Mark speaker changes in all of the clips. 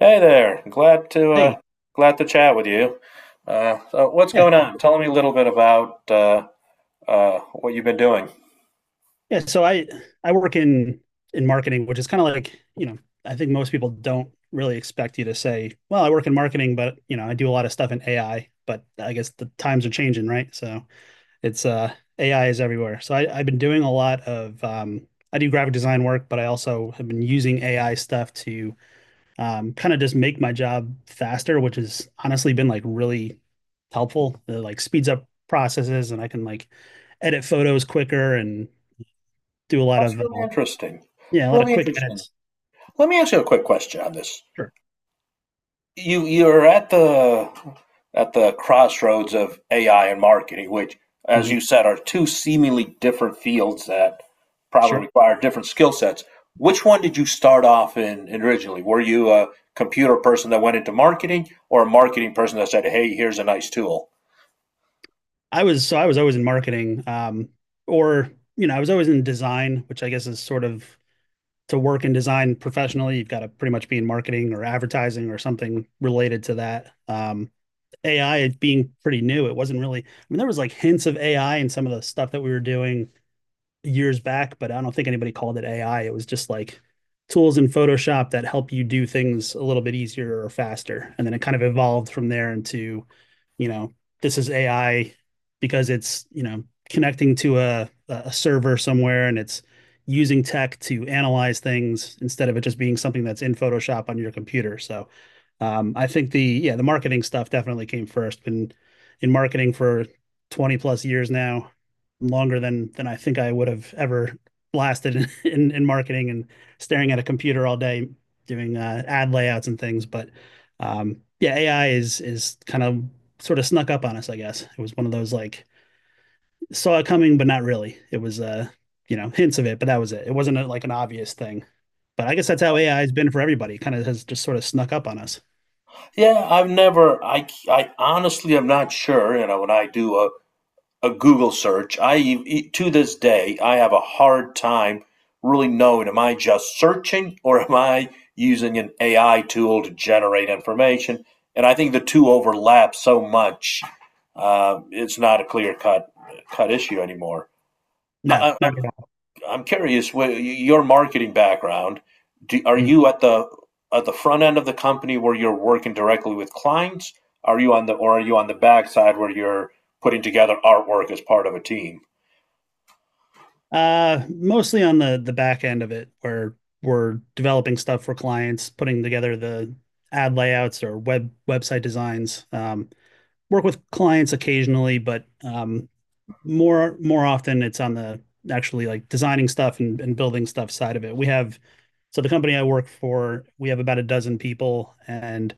Speaker 1: Hey there. Glad to
Speaker 2: Hey,
Speaker 1: glad to chat with you. So what's
Speaker 2: yeah,
Speaker 1: going on? Tell me a little bit about what you've been doing.
Speaker 2: yeah. So I work in marketing, which is kind of like, you know, I think most people don't really expect you to say, well, I work in marketing, but you know, I do a lot of stuff in AI, but I guess the times are changing, right? So it's AI is everywhere. So I've been doing a lot of I do graphic design work, but I also have been using AI stuff to kind of just make my job faster, which has honestly been like really helpful. It like speeds up processes and I can like edit photos quicker and do a lot
Speaker 1: That's
Speaker 2: of
Speaker 1: really interesting.
Speaker 2: yeah, a lot of
Speaker 1: Really
Speaker 2: quick
Speaker 1: interesting.
Speaker 2: edits.
Speaker 1: Let me ask you a quick question on this.
Speaker 2: Sure.
Speaker 1: You're at the crossroads of AI and marketing, which, as you
Speaker 2: Mhm.
Speaker 1: said, are two seemingly different fields that probably
Speaker 2: Sure.
Speaker 1: require different skill sets. Which one did you start off in originally? Were you a computer person that went into marketing, or a marketing person that said, "Hey, here's a nice tool"?
Speaker 2: I was so I was always in marketing, or you know, I was always in design, which I guess is sort of to work in design professionally, you've got to pretty much be in marketing or advertising or something related to that. AI being pretty new, it wasn't really. I mean, there was like hints of AI in some of the stuff that we were doing years back, but I don't think anybody called it AI. It was just like tools in Photoshop that help you do things a little bit easier or faster. And then it kind of evolved from there into, you know, this is AI because it's, you know, connecting to a server somewhere and it's using tech to analyze things instead of it just being something that's in Photoshop on your computer. So I think the marketing stuff definitely came first. Been in marketing for 20 plus years now, longer than I think I would have ever lasted in, in marketing and staring at a computer all day doing ad layouts and things. But yeah, AI is kind of sort of snuck up on us, I guess. It was one of those like saw it coming, but not really. It was you know, hints of it, but that was it. It wasn't a, like an obvious thing. But I guess that's how AI has been for everybody. It kind of has just sort of snuck up on us.
Speaker 1: Yeah, I've never. I honestly am not sure. You know, when I do a Google search. To this day I have a hard time really knowing am I just searching or am I using an AI tool to generate information? And I think the two overlap so much. It's not a clear cut issue anymore.
Speaker 2: No,
Speaker 1: I, I,
Speaker 2: not at all.
Speaker 1: I'm curious, your marketing background, are you at the front end of the company where you're working directly with clients? Are you on the or are you on the back side where you're putting together artwork as part of a team?
Speaker 2: Mostly on the back end of it, where we're developing stuff for clients, putting together the ad layouts or web website designs. Work with clients occasionally, but more often it's on the actually like designing stuff and building stuff side of it. We have so the company I work for, we have about a dozen people, and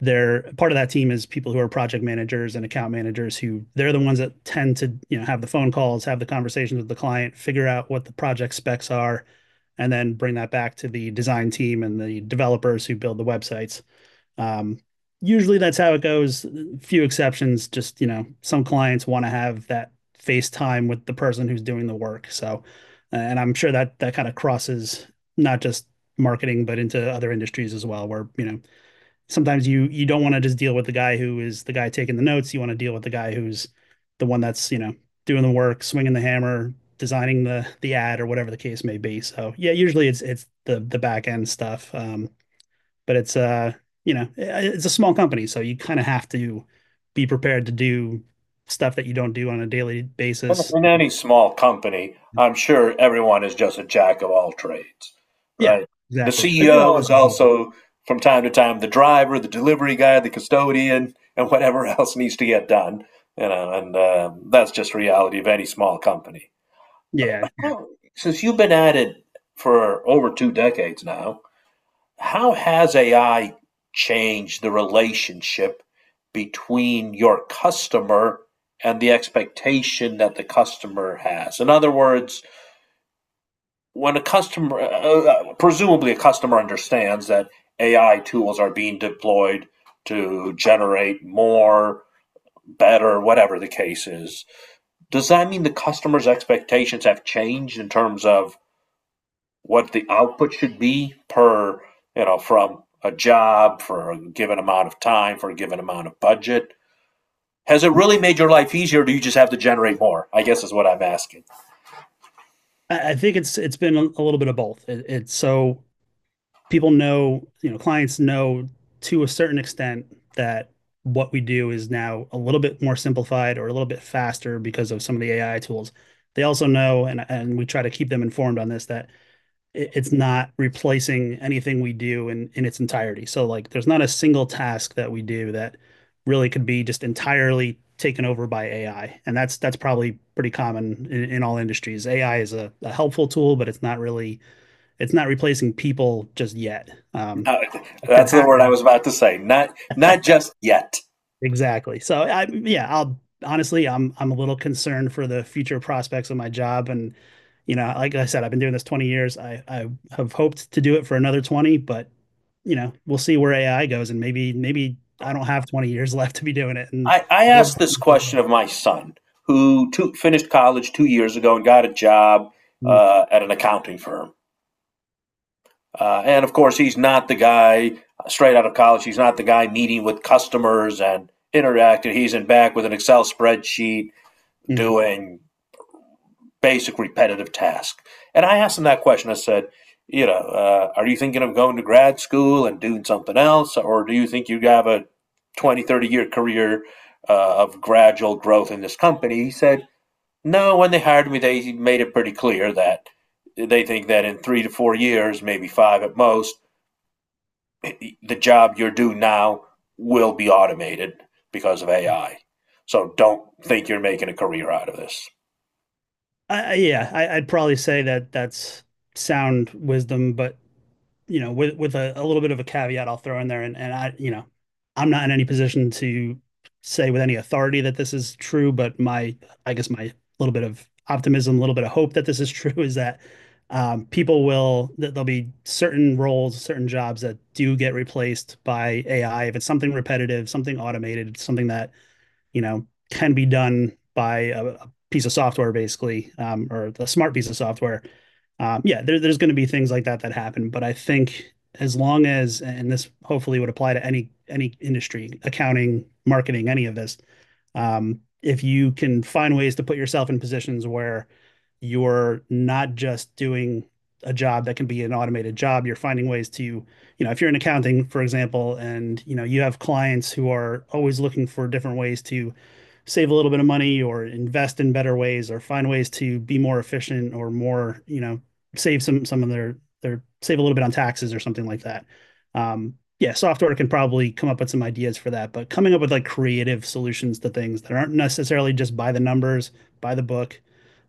Speaker 2: they're part of that team is people who are project managers and account managers who they're the ones that tend to, you know, have the phone calls, have the conversations with the client, figure out what the project specs are, and then bring that back to the design team and the developers who build the websites. um, usually that's how it goes, few exceptions, just you know some clients want to have that face time with the person who's doing the work. So and I'm sure that that kind of crosses not just marketing but into other industries as well, where you know sometimes you don't want to just deal with the guy who is the guy taking the notes. You want to deal with the guy who's the one that's, you know, doing the work, swinging the hammer, designing the ad or whatever the case may be. So yeah, usually it's the back end stuff. But it's you know it's a small company, so you kind of have to be prepared to do stuff that you don't do on a daily basis.
Speaker 1: In any small company, I'm sure everyone is just a jack of all trades,
Speaker 2: Yeah,
Speaker 1: right? The
Speaker 2: exactly. Like we
Speaker 1: CEO
Speaker 2: all
Speaker 1: is
Speaker 2: have.
Speaker 1: also from time to time the driver, the delivery guy, the custodian, and whatever else needs to get done. You know, and that's just reality of any small company.
Speaker 2: Yeah, yeah.
Speaker 1: Well, since you've been at it for over two decades now, how has AI changed the relationship between your customer and the expectation that the customer has? In other words, when a customer, presumably a customer understands that AI tools are being deployed to generate more, better, whatever the case is, does that mean the customer's expectations have changed in terms of what the output should be per, you know, from a job for a given amount of time, for a given amount of budget? Has it really made your life easier, or do you just have to generate more? I guess is what I'm asking.
Speaker 2: I think it's been a little bit of both. It's so people know, you know, clients know to a certain extent that what we do is now a little bit more simplified or a little bit faster because of some of the AI tools. They also know, and we try to keep them informed on this, that it's not replacing anything we do in its entirety. So like there's not a single task that we do that really could be just entirely taken over by AI. And that's probably pretty common in all industries. AI is a helpful tool, but it's not really it's not replacing people just yet.
Speaker 1: Uh,
Speaker 2: It could
Speaker 1: that's the word I
Speaker 2: happen
Speaker 1: was about to say. Not just yet.
Speaker 2: exactly. So I yeah, I'll honestly, I'm a little concerned for the future prospects of my job. And you know, like I said, I've been doing this 20 years. I have hoped to do it for another 20, but you know, we'll see where AI goes and maybe I don't have 20 years left to be doing it, and
Speaker 1: I asked
Speaker 2: robots
Speaker 1: this
Speaker 2: can take
Speaker 1: question
Speaker 2: over.
Speaker 1: of my son, who finished college 2 years ago and got a job at an accounting firm. And of course, he's not the guy straight out of college. He's not the guy meeting with customers and interacting. He's in back with an Excel spreadsheet
Speaker 2: Mhm.
Speaker 1: doing basic repetitive tasks. And I asked him that question. I said, you know, are you thinking of going to grad school and doing something else? Or do you think you have a 20, 30 year career of gradual growth in this company? He said, no, when they hired me, they made it pretty clear that they think that in 3 to 4 years, maybe five at most, the job you're doing now will be automated because of AI. So don't think you're making a career out of this.
Speaker 2: Yeah, I'd probably say that that's sound wisdom, but you know, with a little bit of a caveat I'll throw in there, and I, you know, I'm not in any position to say with any authority that this is true, but I guess my little bit of optimism, a little bit of hope that this is true is that people will that there'll be certain roles, certain jobs that do get replaced by AI. If it's something repetitive, something automated, something that you know can be done by a piece of software, basically, or a smart piece of software, yeah, there's going to be things like that that happen, but I think as long as, and this hopefully would apply to any industry, accounting, marketing, any of this, if you can find ways to put yourself in positions where you're not just doing a job that can be an automated job, you're finding ways to, you know, if you're in accounting, for example, and you know you have clients who are always looking for different ways to save a little bit of money or invest in better ways or find ways to be more efficient or more, you know, save some of their save a little bit on taxes or something like that. Um, yeah, software can probably come up with some ideas for that, but coming up with like creative solutions to things that aren't necessarily just by the numbers, by the book.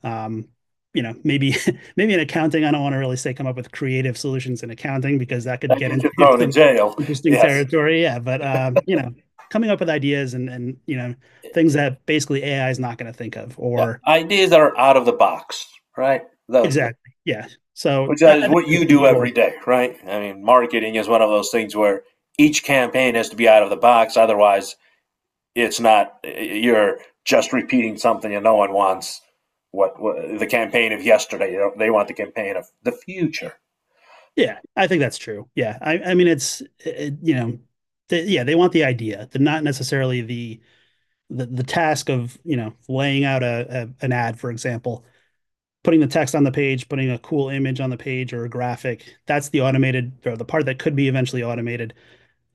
Speaker 2: Um, you know, maybe maybe in accounting, I don't want to really say come up with creative solutions in accounting because that could
Speaker 1: I
Speaker 2: get
Speaker 1: get
Speaker 2: into
Speaker 1: you thrown in
Speaker 2: some
Speaker 1: jail.
Speaker 2: interesting
Speaker 1: Yes.
Speaker 2: territory. Yeah, but you know, coming up with ideas and you know things that basically AI is not going to think of.
Speaker 1: Yeah.
Speaker 2: Or
Speaker 1: Ideas that are out of the box, right? Those,
Speaker 2: exactly yeah. So
Speaker 1: which
Speaker 2: that, I
Speaker 1: is
Speaker 2: think
Speaker 1: what
Speaker 2: it
Speaker 1: you
Speaker 2: can
Speaker 1: do
Speaker 2: be
Speaker 1: every
Speaker 2: role.
Speaker 1: day, right? I mean, marketing is one of those things where each campaign has to be out of the box. Otherwise, it's not, you're just repeating something and no one wants what the campaign of yesterday. You know, they want the campaign of the future.
Speaker 2: Yeah, I think that's true. Yeah, I mean, it's it, you know, yeah, they want the idea, the not necessarily the task of you know laying out a an ad, for example, putting the text on the page, putting a cool image on the page or a graphic. That's the automated or the part that could be eventually automated,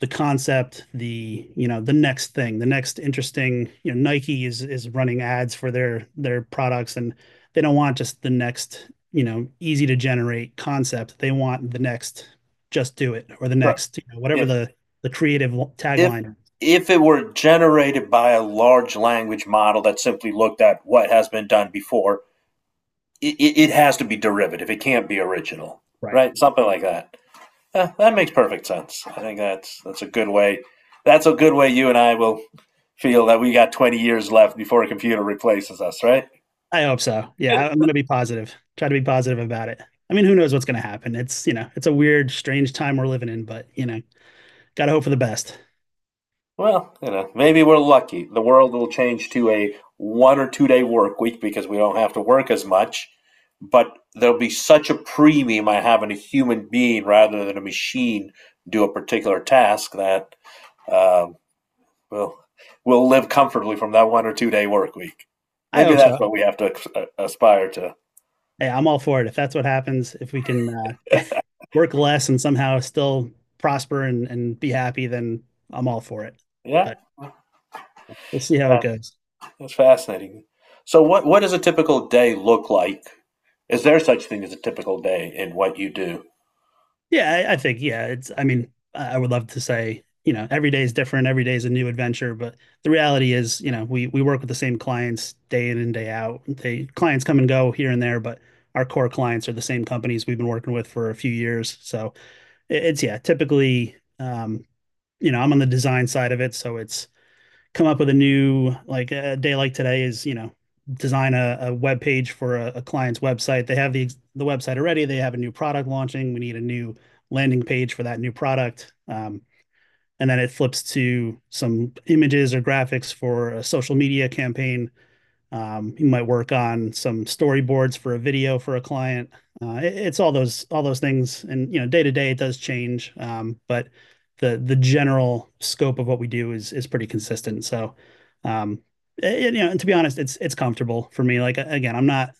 Speaker 2: the concept, the you know the next thing, the next interesting. You know, Nike is running ads for their products, and they don't want just the next you know easy to generate concept. They want the next just do it or the
Speaker 1: Right.
Speaker 2: next you know, whatever
Speaker 1: If
Speaker 2: the creative
Speaker 1: if
Speaker 2: tagline is.
Speaker 1: if it were generated by a large language model that simply looked at what has been done before, it has to be derivative. It can't be original,
Speaker 2: Right.
Speaker 1: right? Something like that. Yeah, that makes perfect sense. I think that's a good way. That's a good way you and I will feel that we got 20 years left before a computer replaces us, right?
Speaker 2: I hope so. Yeah, I'm going to be positive. Try to be positive about it. I mean, who knows what's going to happen? It's you know, it's a weird, strange time we're living in, but you know, got to hope for the best.
Speaker 1: Well, you know, maybe we're lucky. The world will change to a 1 or 2 day work week because we don't have to work as much. But there'll be such a premium on having a human being rather than a machine do a particular task that um, we'll, we'll live comfortably from that 1 or 2 day work week.
Speaker 2: I
Speaker 1: Maybe
Speaker 2: hope so.
Speaker 1: that's what we have to aspire to.
Speaker 2: Hey, I'm all for it. If that's what happens, if we can work less and somehow still prosper and be happy, then I'm all for it.
Speaker 1: Yeah,
Speaker 2: But we'll see how it goes.
Speaker 1: that's fascinating. So, what does a typical day look like? Is there such thing as a typical day in what you do?
Speaker 2: Yeah, I think, yeah, it's, I mean, I would love to say, you know, every day is different, every day is a new adventure. But the reality is, you know, we work with the same clients day in and day out. They clients come and go here and there, but our core clients are the same companies we've been working with for a few years. So it's, yeah, typically, you know, I'm on the design side of it. So it's, come up with a new like a day like today is design a web page for a client's website. They have the website already, they have a new product launching, we need a new landing page for that new product. And then it flips to some images or graphics for a social media campaign. You might work on some storyboards for a video for a client. It's all those things, and day to day it does change, but the general scope of what we do is pretty consistent. So, um, and to be honest, it's comfortable for me. Like again,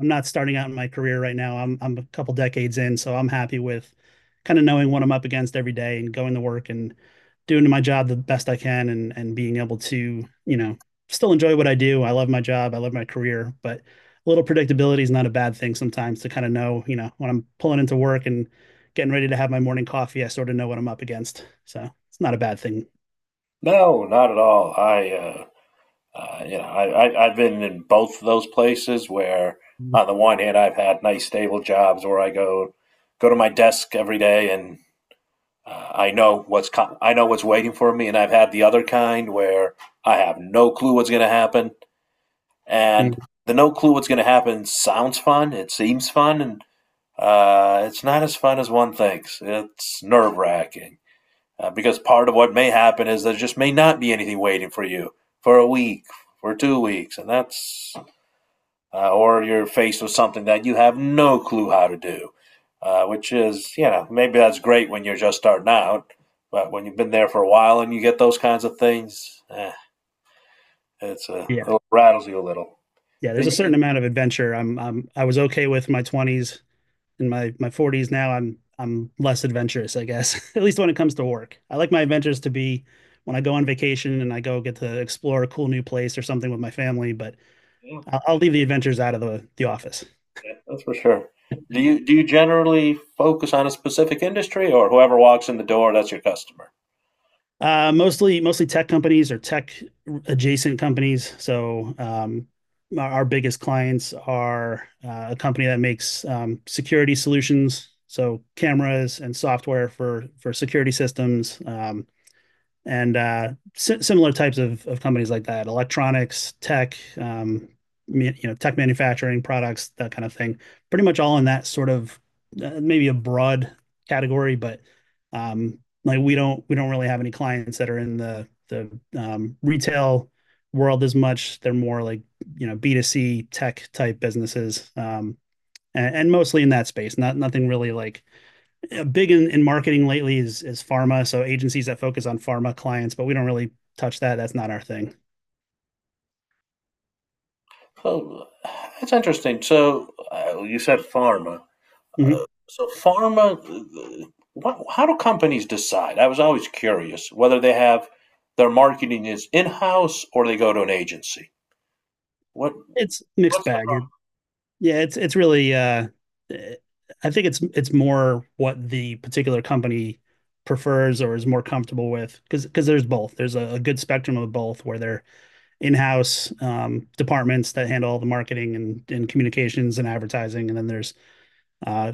Speaker 2: I'm not starting out in my career right now. I'm a couple decades in, so I'm happy with kind of knowing what I'm up against every day and going to work and doing my job the best I can, and being able to, still enjoy what I do. I love my job, I love my career, but a little predictability is not a bad thing sometimes, to kind of know, when I'm pulling into work and getting ready to have my morning coffee, I sort of know what I'm up against. So it's not a bad thing.
Speaker 1: No, not at all. You know, I've been in both of those places where, on the one hand, I've had nice stable jobs where I go to my desk every day and I know I know what's waiting for me, and I've had the other kind where I have no clue what's going to happen,
Speaker 2: Yeah.
Speaker 1: and the no clue what's going to happen sounds fun, it seems fun, and it's not as fun as one thinks. It's nerve wracking. Because part of what may happen is there just may not be anything waiting for you for a week, for 2 weeks, and or you're faced with something that you have no clue how to do, which is, you know, maybe that's great when you're just starting out, but when you've been there for a while and you get those kinds of things, it rattles you a little.
Speaker 2: Yeah. There's a
Speaker 1: And you,
Speaker 2: certain amount of adventure. I was okay with my twenties. In my 40s now, I'm less adventurous, I guess. At least when it comes to work. I like my adventures to be when I go on vacation and I go get to explore a cool new place or something with my family, but
Speaker 1: yeah,
Speaker 2: I'll leave the adventures out of the office.
Speaker 1: yeah, that's for sure. Do you generally focus on a specific industry, or whoever walks in the door, that's your customer?
Speaker 2: Mostly tech companies or tech adjacent companies. So our biggest clients are a company that makes security solutions, so cameras and software for security systems. And uh, Similar types of companies like that: electronics, tech, you know, tech manufacturing products, that kind of thing. Pretty much all in that sort of maybe a broad category. But like we don't really have any clients that are in the retail world as much. They're more like you know B2C tech type businesses, and mostly in that space. Not nothing really like big in marketing lately is pharma, so agencies that focus on pharma clients, but we don't really touch that. That's not our thing.
Speaker 1: Oh, that's interesting. So you said pharma.
Speaker 2: Mhm.
Speaker 1: So pharma, how do companies decide? I was always curious whether they have their marketing is in-house or they go to an agency. What
Speaker 2: It's mixed
Speaker 1: what's the
Speaker 2: bag. It's really eh, I think it's more what the particular company prefers or is more comfortable with, because there's both. There's a good spectrum of both, where they're in-house departments that handle all the marketing and communications and advertising, and then there's uh,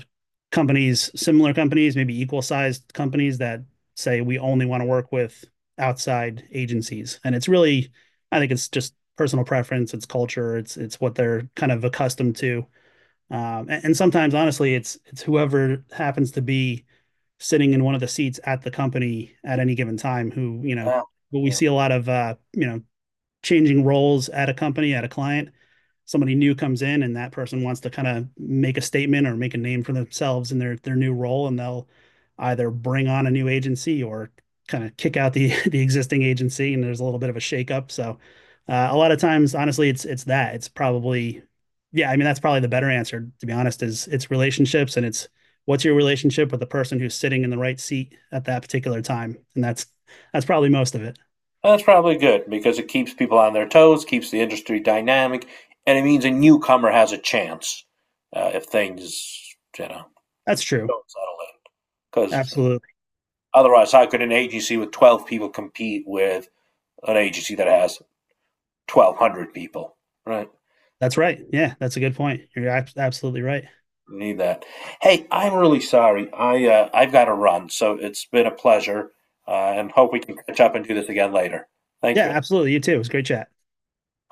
Speaker 2: companies, similar companies, maybe equal sized companies, that say we only want to work with outside agencies. And it's really, I think it's just personal preference, it's culture, it's what they're kind of accustomed to. And sometimes, honestly, it's whoever happens to be sitting in one of the seats at the company at any given time who you know.
Speaker 1: problem?
Speaker 2: But we
Speaker 1: Yeah, yeah.
Speaker 2: see a lot of you know, changing roles at a company, at a client. Somebody new comes in and that person wants to kind of make a statement or make a name for themselves in their new role, and they'll either bring on a new agency or kind of kick out the the existing agency, and there's a little bit of a shakeup. So a lot of times, honestly, it's that. It's probably, yeah, I mean, that's probably the better answer, to be honest. Is it's relationships, and it's what's your relationship with the person who's sitting in the right seat at that particular time, and that's probably most of it.
Speaker 1: Well, that's probably good because it keeps people on their toes, keeps the industry dynamic, and it means a newcomer has a chance if things you know
Speaker 2: That's true.
Speaker 1: don't settle in. Because
Speaker 2: Absolutely.
Speaker 1: otherwise, how could an agency with 12 people compete with an agency that has 1,200 people. Right.
Speaker 2: That's right. Yeah, that's a good point. You're absolutely right.
Speaker 1: Need that. Hey, I'm really sorry. I've got to run, so it's been a pleasure, and hope we can catch up and do this again later. Thank
Speaker 2: Yeah,
Speaker 1: you.
Speaker 2: absolutely. You too. It was a great chat.